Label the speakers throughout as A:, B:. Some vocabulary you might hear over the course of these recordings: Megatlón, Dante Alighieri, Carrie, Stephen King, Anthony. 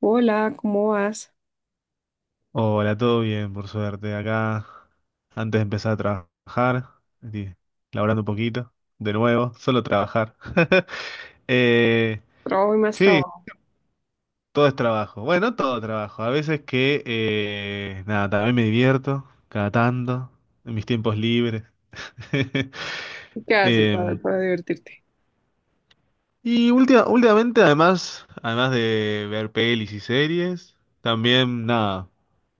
A: Hola, ¿cómo vas?
B: Hola, todo bien, por suerte. Acá, antes de empezar a trabajar, estoy laburando un poquito, de nuevo, solo trabajar. Eh,
A: Trabajo y más
B: sí,
A: trabajo.
B: todo es trabajo. Bueno, todo trabajo. A veces que, nada, también me divierto, cada tanto, en mis tiempos libres.
A: ¿Qué haces? A
B: Eh,
A: ver, para divertirte.
B: últimamente, además de ver pelis y series, también, nada,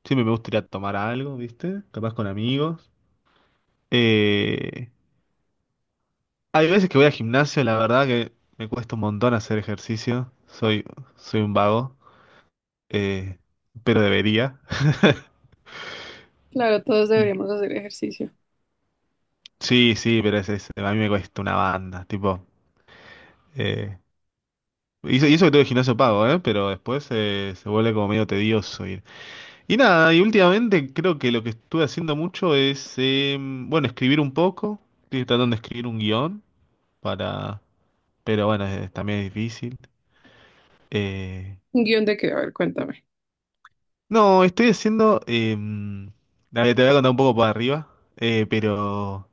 B: siempre me gusta ir a tomar algo, ¿viste? Capaz con amigos. Eh, Hay veces que voy al gimnasio, la verdad que me cuesta un montón hacer ejercicio. Soy un vago, eh, pero debería.
A: Claro, todos
B: Mm.
A: deberíamos hacer ejercicio.
B: Sí, sí, pero a mí me cuesta una banda, tipo. eh, y eso que tengo el gimnasio pago, ¿eh? Pero después se vuelve como medio tedioso ir. Y nada, y últimamente creo que lo que estuve haciendo mucho es, bueno, escribir un poco. Estoy tratando de escribir un guión para... Pero bueno, también es difícil. Eh,
A: ¿Un guión de qué? A ver, cuéntame.
B: No, estoy haciendo. Dale, te voy a contar un poco para arriba, eh, pero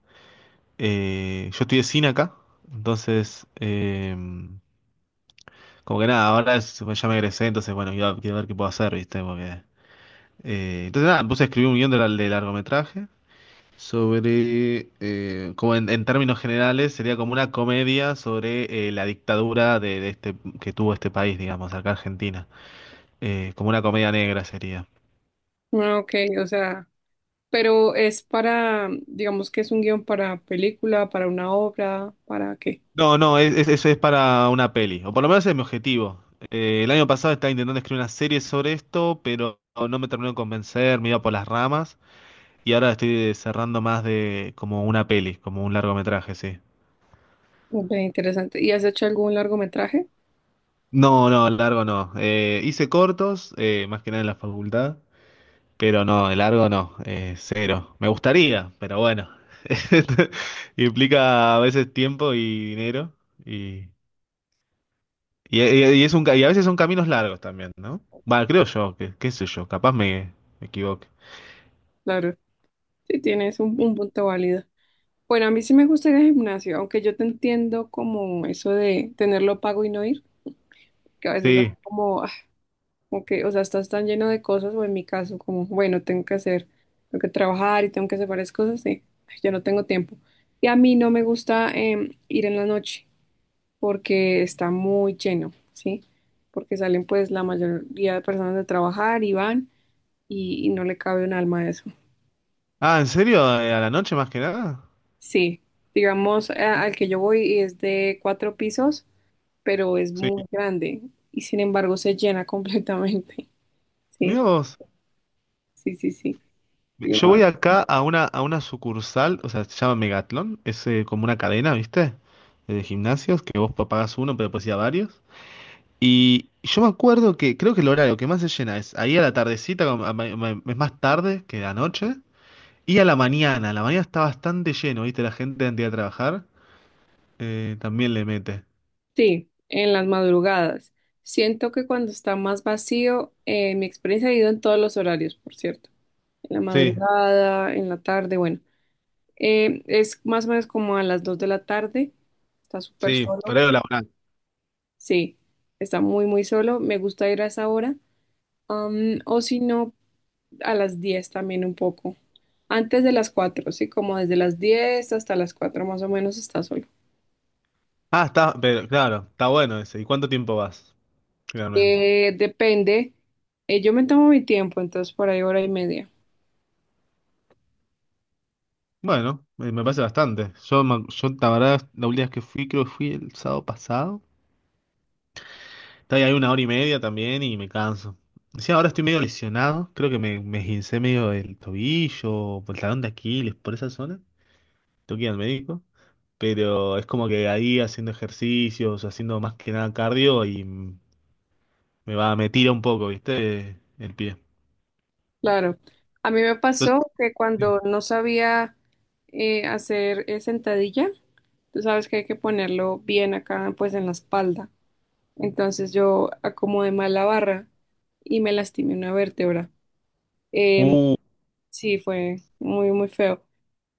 B: yo estoy de cine acá, entonces, como que nada, pues, ya me egresé, entonces, bueno, quiero ver qué puedo hacer, ¿viste? Porque, entonces, nada, me puse a escribir un guión de largometraje sobre, como en términos generales, sería como una comedia sobre la dictadura de este, que tuvo este país, digamos, acá Argentina. Como una comedia negra sería.
A: Ah, Ok, o sea, pero es para, digamos que es un guión para película, para una obra, ¿para qué?
B: No, no, eso es para una peli, o por lo menos es mi objetivo. El año pasado estaba intentando escribir una serie sobre esto, pero no me terminó de convencer, me iba por las ramas, y ahora estoy cerrando más de como una peli, como un largometraje, sí.
A: Ok, interesante. ¿Y has hecho algún largometraje?
B: No, no, el largo no. Hice cortos, más que nada en la facultad, pero no, el largo no, cero. Me gustaría, pero bueno, implica a veces tiempo y dinero, y y es un, y a veces son caminos largos también, ¿no? Bueno, creo yo, que, qué sé yo, me equivoque.
A: Claro, sí tienes un,
B: Y-
A: un punto válido. Bueno, a mí sí me gusta ir al gimnasio, aunque yo te entiendo como eso de tenerlo pago y no ir, que a veces da
B: Sí.
A: como, ah, Ok, o sea, estás tan lleno de cosas, o en mi caso, como, bueno, tengo que hacer, tengo que trabajar y tengo que hacer varias cosas, y ay, yo no tengo tiempo. Y a mí no me gusta ir en la noche porque está muy lleno, ¿sí? Porque salen pues la mayoría de personas de trabajar y van y no le cabe un alma a eso.
B: Ah, ¿en serio? ¿A la noche más que nada?
A: Sí, digamos, al que yo voy es de cuatro pisos, pero es
B: Sí.
A: muy grande y sin embargo se llena completamente,
B: Mirá
A: ¿sí?
B: vos.
A: Sí, sí, sí.
B: Yo voy acá a a una sucursal, o sea, se llama Megatlón, es como una cadena, ¿viste? De gimnasios, que vos pagás uno, pero puedes ir a varios. Y yo me acuerdo que creo que el horario que más se llena es ahí a la tardecita, como a es más tarde que la noche, y a la mañana. A la mañana está bastante lleno, ¿viste? La gente antes de ir a trabajar. También le mete.
A: Sí, en las madrugadas. Siento que cuando está más vacío, mi experiencia ha ido en todos los horarios, por cierto. En la
B: Sí.
A: madrugada, en la tarde, bueno. Es más o menos como a las 2 de la tarde. Está súper
B: Sí,
A: solo.
B: horario laboral.
A: Sí, está muy, muy solo. Me gusta ir a esa hora. O si no, a las 10 también un poco. Antes de las 4, sí, como desde las 10 hasta las 4 más o menos está solo.
B: Ah, está, pero claro, está bueno ese. ¿Y cuánto tiempo vas, realmente?
A: Depende. Yo me tomo mi tiempo, entonces por ahí hora y media.
B: Bueno, me parece bastante. Yo, la verdad, la última vez que fui, creo que fui el sábado pasado. Estaba ahí una hora y media también y me canso. Sí, ahora estoy medio lesionado. Creo que me esguincé medio el tobillo, por el talón de Aquiles, por esa zona. Tengo que ir al médico. Pero es como que ahí haciendo ejercicios, haciendo más que nada cardio y me tira un poco, ¿viste? El pie.
A: Claro. A mí me
B: Entonces,
A: pasó que
B: sí.
A: cuando no sabía hacer sentadilla, tú sabes que hay que ponerlo bien acá, pues en la espalda. Entonces yo acomodé mal la barra y me lastimé una vértebra. Em,
B: Uh,
A: sí, fue muy, muy feo.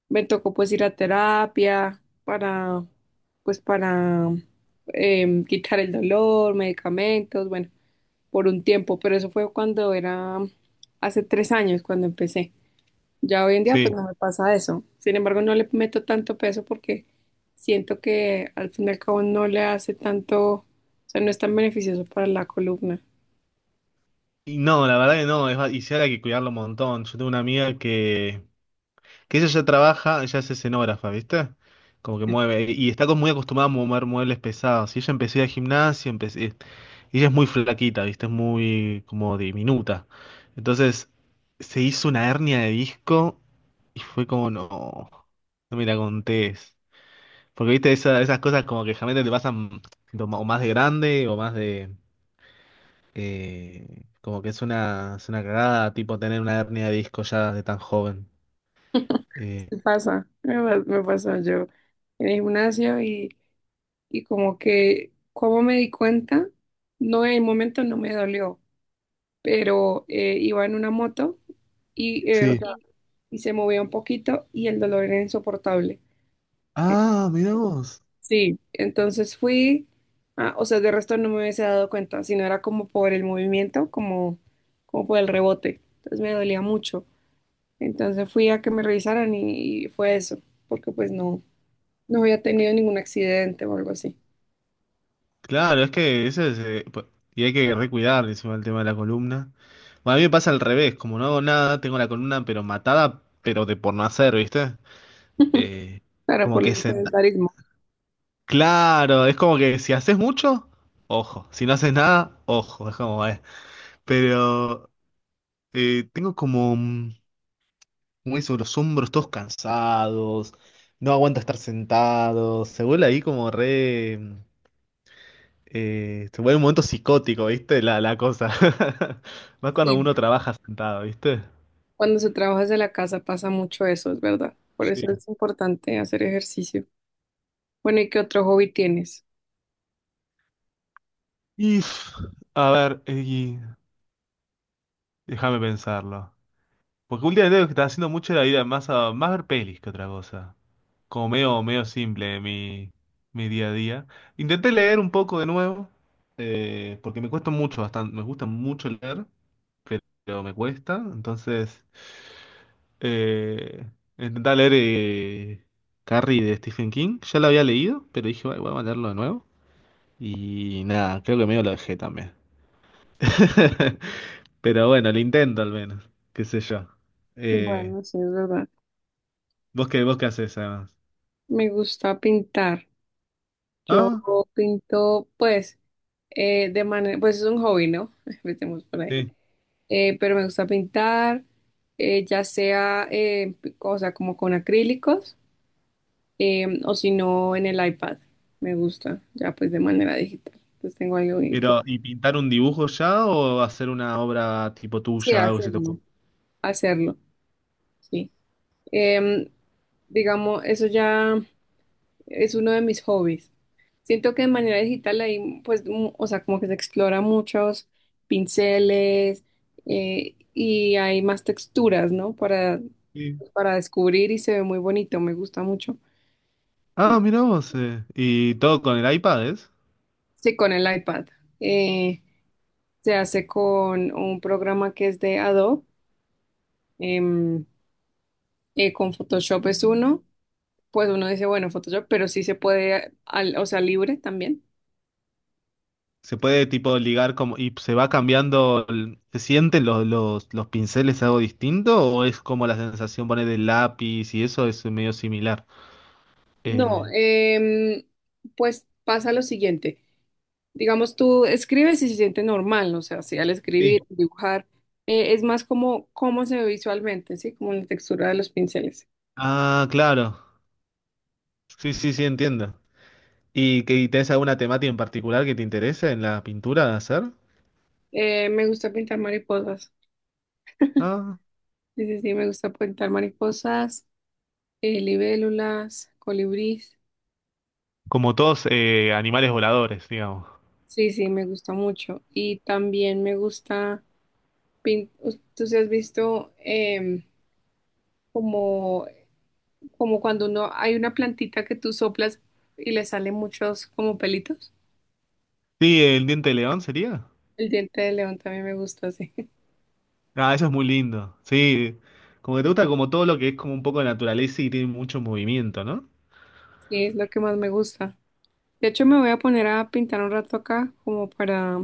A: Me tocó pues ir a terapia para, pues para quitar el dolor, medicamentos, bueno, por un tiempo, pero eso fue cuando era hace 3 años, cuando empecé. Ya hoy en día pues
B: sí.
A: no me pasa eso. Sin embargo, no le meto tanto peso porque siento que al fin y al cabo no le hace tanto, o sea, no es tan beneficioso para la columna.
B: Y no, la verdad que no, y sí ahora hay que cuidarlo un montón. Yo tengo una amiga que ella ya trabaja, ella es escenógrafa, ¿viste? Como que mueve, y está como muy acostumbrada a mover muebles pesados. Y ella empezó a ir al gimnasio, empecé, ella es muy flaquita, ¿viste? Es muy como diminuta. Entonces, se hizo una hernia de disco y fue como, no, no me la contés. Porque, ¿viste? Esas cosas como que realmente te pasan o más de grande o más de... como que es una cagada, tipo, tener una hernia de disco ya de tan joven. Eh,
A: Me pasa, me pasó yo en el gimnasio y como que, como me di cuenta, no en el momento no me dolió, pero iba en una moto y, o
B: sí.
A: sea,
B: Y
A: y se movía un poquito y el dolor era insoportable.
B: ah, mirá vos.
A: Sí, entonces fui, ah, o sea, de resto no me hubiese dado cuenta, sino era como por el movimiento, como por el rebote. Entonces me dolía mucho. Entonces fui a que me revisaran y fue eso, porque pues no, no había tenido ningún accidente o algo así.
B: Claro, es que eso es. Y hay que recuidar encima el tema de la columna. Bueno, a mí me pasa al revés, como no hago nada, tengo la columna pero matada, pero de por no hacer, ¿viste? Eh,
A: Claro,
B: como
A: por el
B: que senta.
A: sedentarismo.
B: Claro, es como que si haces mucho, ojo. Si no haces nada, ojo. Es como, pero tengo como. Muy sobre los hombros, todos cansados, no aguanta estar sentados, se vuelve ahí como re... se vuelve un momento psicótico, ¿viste? La cosa. Más cuando
A: Sí.
B: uno trabaja sentado, ¿viste?
A: Cuando se trabaja desde la casa pasa mucho eso, es verdad. Por eso
B: Sí.
A: es importante hacer ejercicio. Bueno, ¿y qué otro hobby tienes?
B: Y... pff, a ver, y- déjame pensarlo. Porque últimamente lo que está haciendo mucho la vida más a más ver pelis que otra cosa. Como medio simple mi día a día. Intenté leer un poco de nuevo, porque me cuesta mucho, bastante, me gusta mucho leer. Pero me cuesta. Entonces, eh, intenté leer Carrie de Stephen King. Ya lo había leído, pero dije, "Ay, voy a leerlo de nuevo". Y nada, creo que medio lo dejé también. Pero bueno, lo intento al menos, qué sé yo. Eh,
A: Bueno, sí, es verdad.
B: vos qué haces además?
A: Me gusta pintar. Yo
B: Ah,
A: pinto, pues. De manera, pues es un hobby, ¿no? Empecemos por ahí.
B: sí.
A: Pero me gusta pintar, ya sea, o sea, como con acrílicos, o si no, en el iPad. Me gusta, ya pues de manera digital. Entonces tengo algo y puedo-
B: Pero, ¿y pintar un dibujo ya o hacer una obra tipo
A: Sí,
B: tuya, algo que se te ocurra?
A: hacerlo, hacerlo, sí. Em, digamos, eso ya es uno de mis hobbies. Siento que de manera digital ahí, pues, o sea, como que se explora muchos pinceles y hay más texturas, ¿no? Para,
B: Sí.
A: para descubrir y se ve muy bonito, me gusta mucho.
B: Ah, mira vos. ¿Y todo con el iPad, eh?
A: Sí, con el iPad. Eh, Se hace con un programa que es de Adobe. em, con Photoshop es uno. Pues uno dice, bueno, Photoshop, pero sí se puede, o sea, libre también.
B: Se puede tipo ligar como y se va cambiando, ¿se sienten los pinceles algo distinto o es como la sensación pone del lápiz y eso es medio similar?
A: No,
B: Eh,
A: pues pasa lo siguiente. Digamos, tú escribes y se siente normal, ¿no? O sea, si al escribir,
B: Sí.
A: dibujar, es más como cómo se ve visualmente, ¿sí? Como la textura de los pinceles.
B: Ah, claro. Sí, sí, sí, entiendo. ¿Y que y tenés alguna temática en particular que te interese en la pintura de hacer?
A: Me gusta pintar mariposas,
B: Ah,
A: sí, sí, sí, me gusta pintar mariposas, libélulas, colibríes,
B: como todos animales voladores, digamos.
A: sí, sí, me gusta mucho. Y también me gusta, pin- tú si has visto como, como cuando uno, hay una plantita que tú soplas y le salen muchos como pelitos.
B: Sí, el diente de león sería.
A: El diente de león también me gusta, sí.
B: Ah, eso es muy lindo. Sí, como que te gusta como todo lo que es como un poco de naturaleza y tiene mucho movimiento, ¿no?
A: Sí, es lo que más me gusta. De hecho, me voy a poner a pintar un rato acá, como para,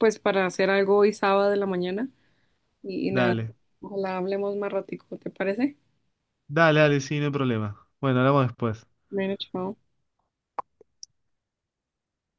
A: pues, para hacer algo hoy sábado de la mañana. Y nada,
B: Dale.
A: ojalá hablemos más ratico, ¿te parece?
B: Dale, dale, sí, no hay problema. Bueno, hablamos después.
A: Bueno, chao.